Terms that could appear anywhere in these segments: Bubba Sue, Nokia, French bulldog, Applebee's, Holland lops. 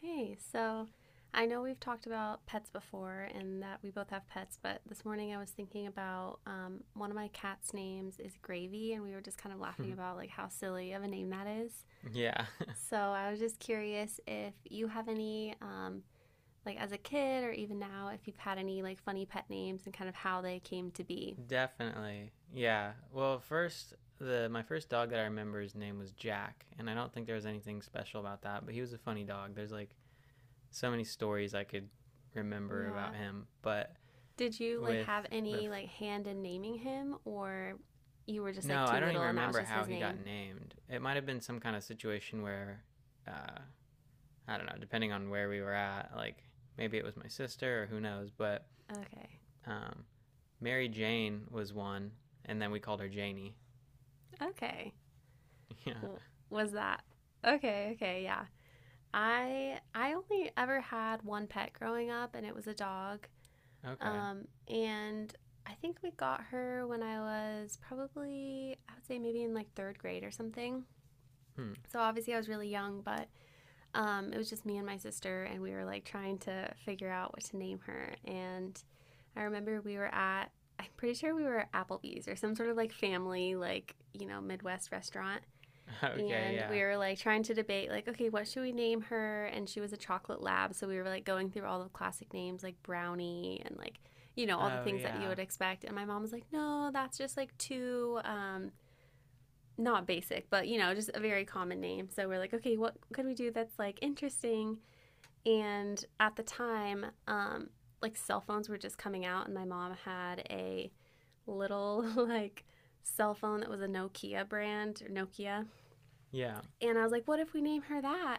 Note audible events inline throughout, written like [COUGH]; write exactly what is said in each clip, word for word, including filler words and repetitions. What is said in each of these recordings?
Hey, so I know we've talked about pets before and that we both have pets, but this morning I was thinking about um, one of my cat's names is Gravy, and we were just kind of laughing [LAUGHS] about like how silly of a name that is. Yeah, So I was just curious if you have any, um, like as a kid or even now, if you've had any like funny pet names and kind of how they came to be. [LAUGHS] definitely. Yeah. Well, first, the my first dog that I remember his name was Jack, and I don't think there was anything special about that, but he was a funny dog. There's like so many stories I could remember Yeah. about him. But Did you like with have the any f- like hand in naming him, or you were just like no, too I don't little even and that was remember just how his he name? got named. It might have been some kind of situation where uh I don't know, depending on where we were at. Like, maybe it was my sister or who knows. But Okay. um Mary Jane was one, and then we called her Janie. Okay. [LAUGHS] Yeah. was that. Okay, okay, yeah. I I only ever had one pet growing up, and it was a dog. Okay. Um, and I think we got her when I was probably I would say maybe in like third grade or something. Hmm. So obviously I was really young, but um, it was just me and my sister, and we were like trying to figure out what to name her. And I remember we were at I'm pretty sure we were at Applebee's or some sort of like family like you know Midwest restaurant, [LAUGHS] Okay. and we Yeah. were like trying to debate like, okay, what should we name her? And she was a chocolate lab, so we were like going through all the classic names like brownie and like you know all the Oh, things that you yeah. would expect. And my mom was like, no, that's just like too um not basic, but you know just a very common name. So we're like, okay, what could we do that's like interesting? And at the time um like cell phones were just coming out, and my mom had a little [LAUGHS] like cell phone that was a Nokia brand or Nokia. Yeah. And I was like, what if we name her that?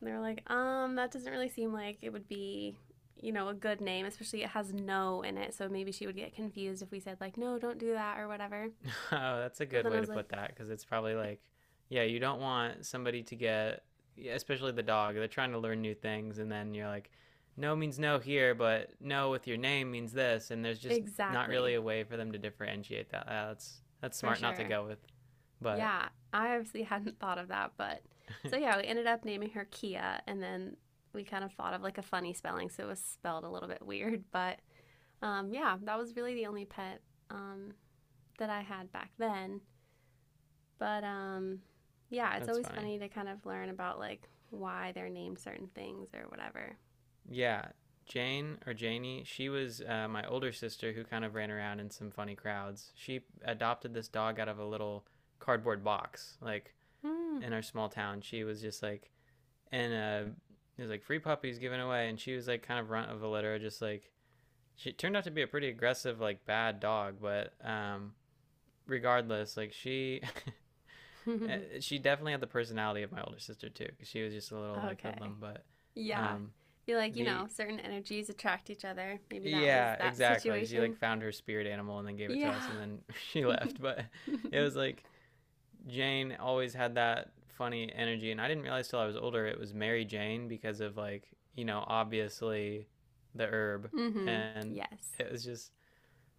And they were like, um, that doesn't really seem like it would be, you know, a good name, especially it has no in it. So maybe she would get confused if we said, like, no, don't do that or whatever. [LAUGHS] Oh, that's a So good then I way was to like, put that, because it's probably like, yeah, you don't want somebody to get, yeah, especially the dog, they're trying to learn new things. And then you're like, no means no here, but no with your name means this. And there's just not exactly, really a way for them to differentiate that. Ah, that's, that's for smart not to sure. go with. But Yeah, I obviously [LAUGHS] hadn't thought of that. But so yeah, we [LAUGHS] ended up naming her Kia. And then we kind of thought of like a funny spelling. So it was spelled a little bit weird. But um, yeah, that was really the only pet um, that I had back then. But um, yeah, it's that's always funny. funny to kind of learn about like why they're named certain things or whatever. Yeah, Jane or Janie, she was uh, my older sister who kind of ran around in some funny crowds. She adopted this dog out of a little cardboard box, like Hmm. in our small town. She was just like, and uh, it was like free puppies given away, and she was like kind of runt of the litter. Just like, she turned out to be a pretty aggressive, like bad dog. But um, regardless, like, she, [LAUGHS] she definitely had the personality of my older sister too, because she was just a [LAUGHS] little like okay. hoodlum. But Yeah. um, Feel like, you the know, certain energies attract each other. Maybe that was Yeah, that exactly. She like situation. found her spirit animal and then gave it to us, Yeah. and then [LAUGHS] she [LAUGHS] left. But it mm-hmm. was like, Jane always had that funny energy, and I didn't realize till I was older it was Mary Jane because of like, you know, obviously the herb. And Yes. it was just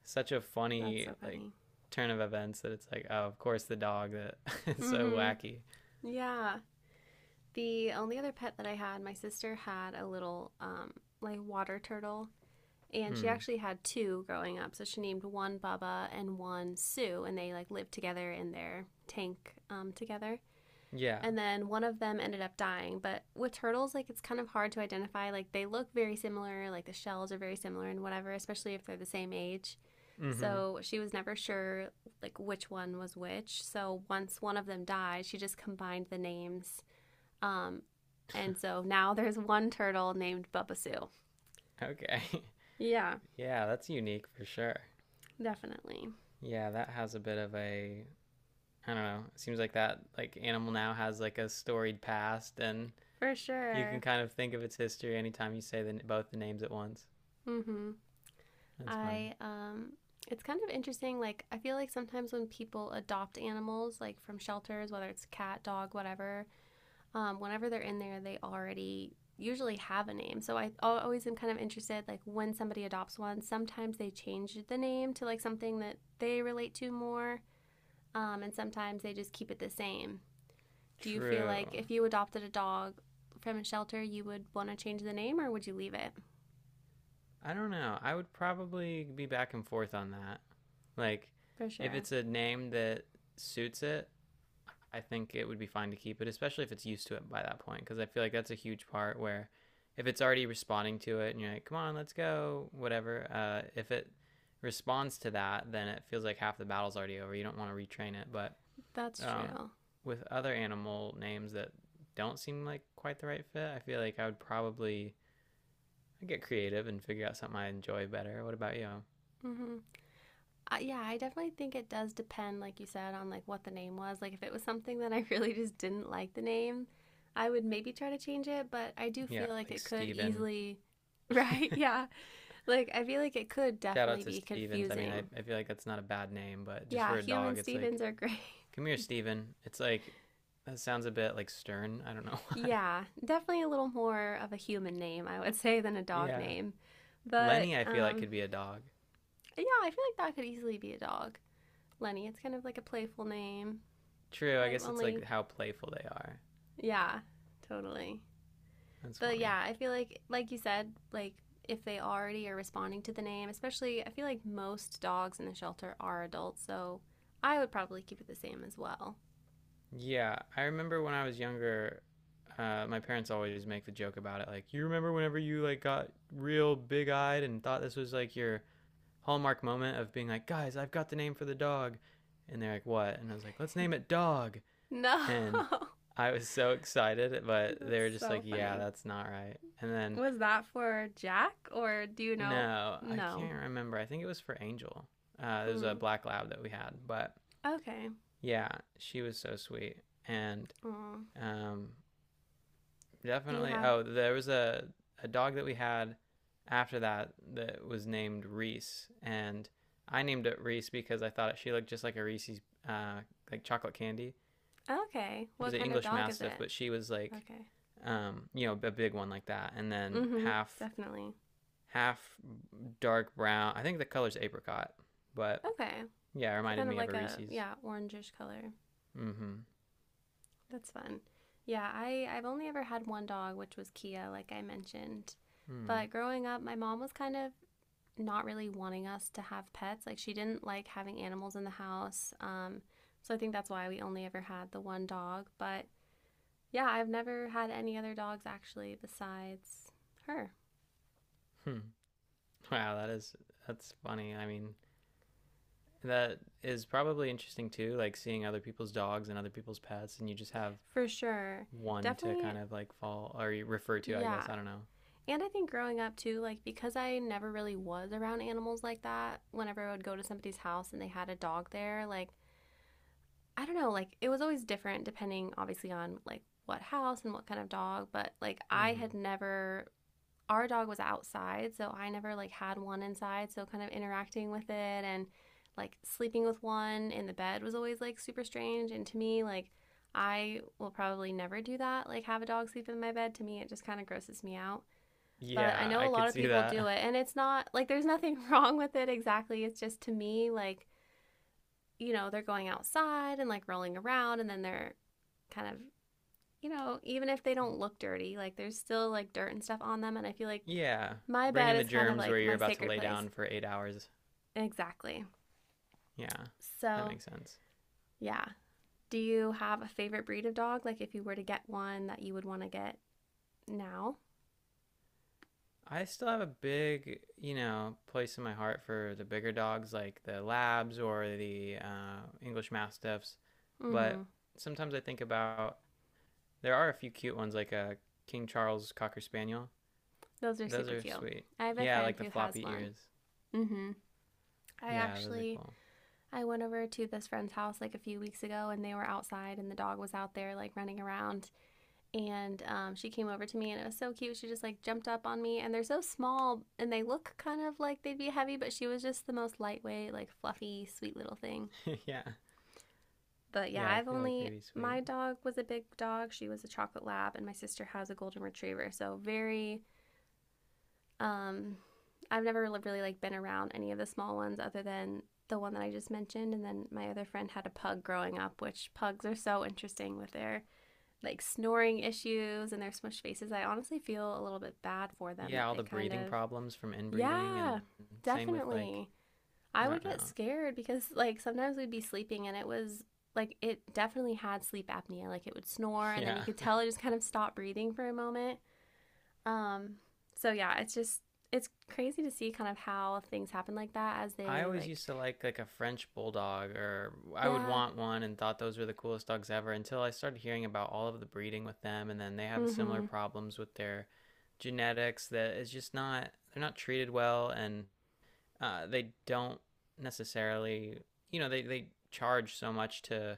such a That's funny so like funny. turn of events that it's like, oh, of course the dog that is [LAUGHS] so Mm-hmm. wacky. Yeah. The only other pet that I had, my sister had a little um like water turtle, and she Mm. actually had two growing up. So she named one Bubba and one Sue, and they like lived together in their tank um, together. Yeah. And then one of them ended up dying. But with turtles, like it's kind of hard to identify. Like they look very similar, like the shells are very similar and whatever, especially if they're the same age. Mhm. So she was never sure like which one was which. So once one of them died, she just combined the names. Um, and so now [LAUGHS] there's one turtle named Bubba Sue. Okay. [LAUGHS] Yeah, Yeah, that's unique for sure. definitely. Yeah, that has a bit of a, I don't know. It seems like that, like, Animal Now has like a storied past, and For you sure. can kind of think of its history anytime you say the, both the names at once. Mhm. That's funny. I um it's kind of interesting, like I feel like sometimes when people adopt animals like from shelters, whether it's cat, dog, whatever, um whenever they're in there, they already usually have a name. So I always am kind of interested, like when somebody adopts one, sometimes they change the name to like something that they relate to more, um and sometimes they just keep it the same. Do you feel True. like if you adopted a dog from a shelter, you would want to change the name, or would you leave it? I don't know. I would probably be back and forth on that. Like, For if sure. it's a name that suits it, I think it would be fine to keep it, especially if it's used to it by that point, because I feel like that's a huge part. Where, if it's already responding to it and you're like, come on, let's go, whatever, uh, if it responds to that, then it feels like half the battle's already over. You don't want to retrain it. But That's um, true. with other animal names that don't seem like quite the right fit, I feel like I would probably, I'd get creative and figure out something I enjoy better. What about you? Mm-hmm. Uh, yeah, I definitely think it does depend, like you said, on like what the name was. Like if it was something that I [LAUGHS] really just didn't like the name, I would maybe try to change it. But I do Yeah, feel like like it could Steven. easily, [LAUGHS] right? Yeah, like I feel like it could Shout out definitely to be Stevens. I mean, I, confusing. I feel like that's not a bad name, but just Yeah, for a human dog, it's like, Stevens are great. come here, Steven. It's like that sounds a bit like stern. I don't know [LAUGHS] why. [LAUGHS] yeah, definitely a little more of a human name, I would [LAUGHS] say, than a dog Yeah. name. But Lenny, I feel like um, could be a dog. yeah, I feel like that could easily be a dog. Lenny, it's kind of like a playful name. True, I I've guess it's like only how playful they are. Yeah, totally. That's But funny. yeah, I feel like, like you said, like if they already are responding to the name, especially, I feel like most dogs in the shelter are adults, so I would probably keep it the same as well. Yeah, I remember when I was younger, uh, my parents always make the joke about it. Like, you remember whenever you like got real big eyed and thought this was like your hallmark moment of being like, guys, I've got the name for the dog, and they're like, what? And I was like, let's name it Dog. No, And [LAUGHS] I was so excited, but they that's were just like, so "Yeah, funny. that's not right." And then Was that for Jack, or do you know? no, I No. can't remember. I think it was for Angel. Uh, it was a Mm. black lab that we had. But Okay. yeah, she was so sweet, and Aw. um, Do you definitely. have? Oh, there was a a dog that we had after that that was named Reese, and I named it Reese because I thought she looked just like a Reese's, uh, like chocolate candy. Okay. He What was an kind of English dog is Mastiff, it? but she was like, Okay. um, you know, a big one like that, and then Mm-hmm. half Definitely. half dark brown. I think the color's apricot, but Okay. yeah, it So reminded kind of me of a like a, Reese's. yeah, orangish color. Mm-hmm. That's fun. Yeah, I, I've only ever had one dog, which was Kia, like I mentioned. But Mm. growing up, my mom was kind of not really wanting us to have pets. Like, she didn't like having animals in the house. Um, so I think that's why we only ever had the one dog. But yeah, I've never had any other dogs actually besides her. Hmm. [LAUGHS] Wow, that is that's funny. I mean, that is probably interesting too, like seeing other people's dogs and other people's pets, and you just have For sure. one to kind Definitely, of like fall or refer to, I yeah. guess. I don't know. And I think growing up too, like because I never really was around animals like that, whenever I would go to somebody's house and they had a dog there, like I don't know, like it was always different depending obviously on like what house and what kind of dog, but like I Mm-hmm. had never our dog was outside, so I never like had one inside, so kind of interacting with it and like sleeping with one in the bed was always like super strange. And to me like I will probably never do that, like have a dog sleep in my bed. To me, it just kind of grosses me out. But I Yeah, know a I lot could of see people do that. it, and it's not like there's nothing [LAUGHS] wrong with it exactly. It's just to me, like, you know, they're going outside and like rolling around and then they're kind of, you know, even if they don't [LAUGHS] look dirty, like there's still like dirt and stuff on them. And I feel like Yeah. my Bring in bed the is kind of germs where like you're my about to sacred lay place. down for eight hours. Exactly. Yeah. That So, makes sense. yeah. Do you have a favorite breed of dog? Like if you were to get one that you would want to get now? I still have a big, you know, place in my heart for the bigger dogs like the labs or the uh, English Mastiffs. Mm hmm. But sometimes I think about, there are a few cute ones like a King Charles Cocker Spaniel. Those are Those super are cute. sweet. I have a Yeah, friend like the who has floppy one. ears. Mm hmm. I Yeah, those are actually. cool. I went over to this friend's house like a few weeks ago, and they were outside and the dog was out there like running around, and um, she came over to me and it was so cute, she just like jumped up on me. And they're so small and they look kind of like they'd be heavy, but she was just the most lightweight like fluffy sweet little thing. [LAUGHS] Yeah. But yeah, Yeah, I I've feel like they'd only be sweet. my dog was a big dog, she was a chocolate lab, and my sister has a golden retriever, so very um I've never really like been around any of the small ones other than the one that I just mentioned. And then my other friend had a pug growing up, which pugs are so interesting with their like snoring issues and their smushed faces. I honestly feel a little bit bad for them Yeah, that all they the kind breathing of, problems from inbreeding yeah, and same with like, definitely. I I would don't get know. scared because like sometimes we'd be sleeping and it was like it definitely had sleep apnea. Like it would snore and then you Yeah. could [LAUGHS] tell it just kind of stopped breathing for a moment. Um, so yeah, it's just it's crazy to see kind of how things happen like that as I they always like used to like like a French bulldog or I would yeah, want one and thought those were the coolest dogs ever, until I started hearing about all of the breeding with them, and then they have similar mm-hmm, problems with their genetics, that is just not, they're not treated well. And uh, they don't necessarily, you know, they, they charge so much to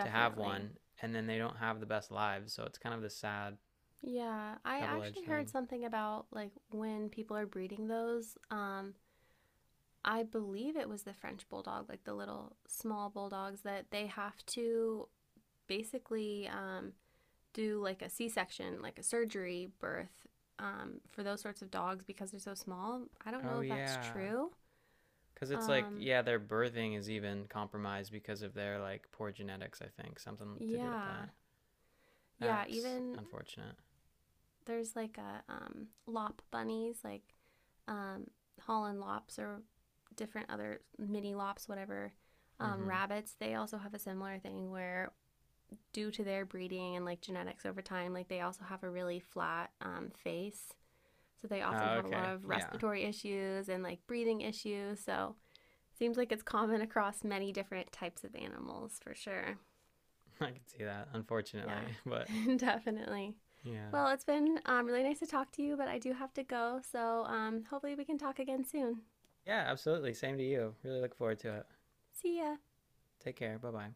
to have one, and then they don't have the best lives. So it's kind of the sad Yeah, I actually double-edged heard thing. something about like when people are breeding those. Um, I believe it was the French bulldog, like the little small bulldogs, that they have to basically um, do like a C-section, like a surgery birth um, for those sorts of dogs because they're so small. I don't know Oh if that's yeah. true. Because it's like, Um, yeah, their birthing is even compromised because of their like poor genetics, I think. Something to do with yeah. that. Yeah, That's even unfortunate. there's like a um, lop bunnies, like um, Holland lops or different other mini lops, whatever. Um, Mm-hmm. rabbits, they also have a similar thing where, due to their breeding and like genetics over time, like they also have a really flat um, face. So they often Oh, have a lot okay. of Yeah. respiratory issues and like breathing issues. So seems like it's common across many different types of animals for sure. [LAUGHS] I can see that, unfortunately. Yeah, [LAUGHS] But [LAUGHS] definitely. yeah. Well, it's been um, really nice to talk to you, but I do have to go. So um, hopefully we can talk again soon. Yeah, absolutely. Same to you. Really look forward to it. See ya. Take care. Bye bye.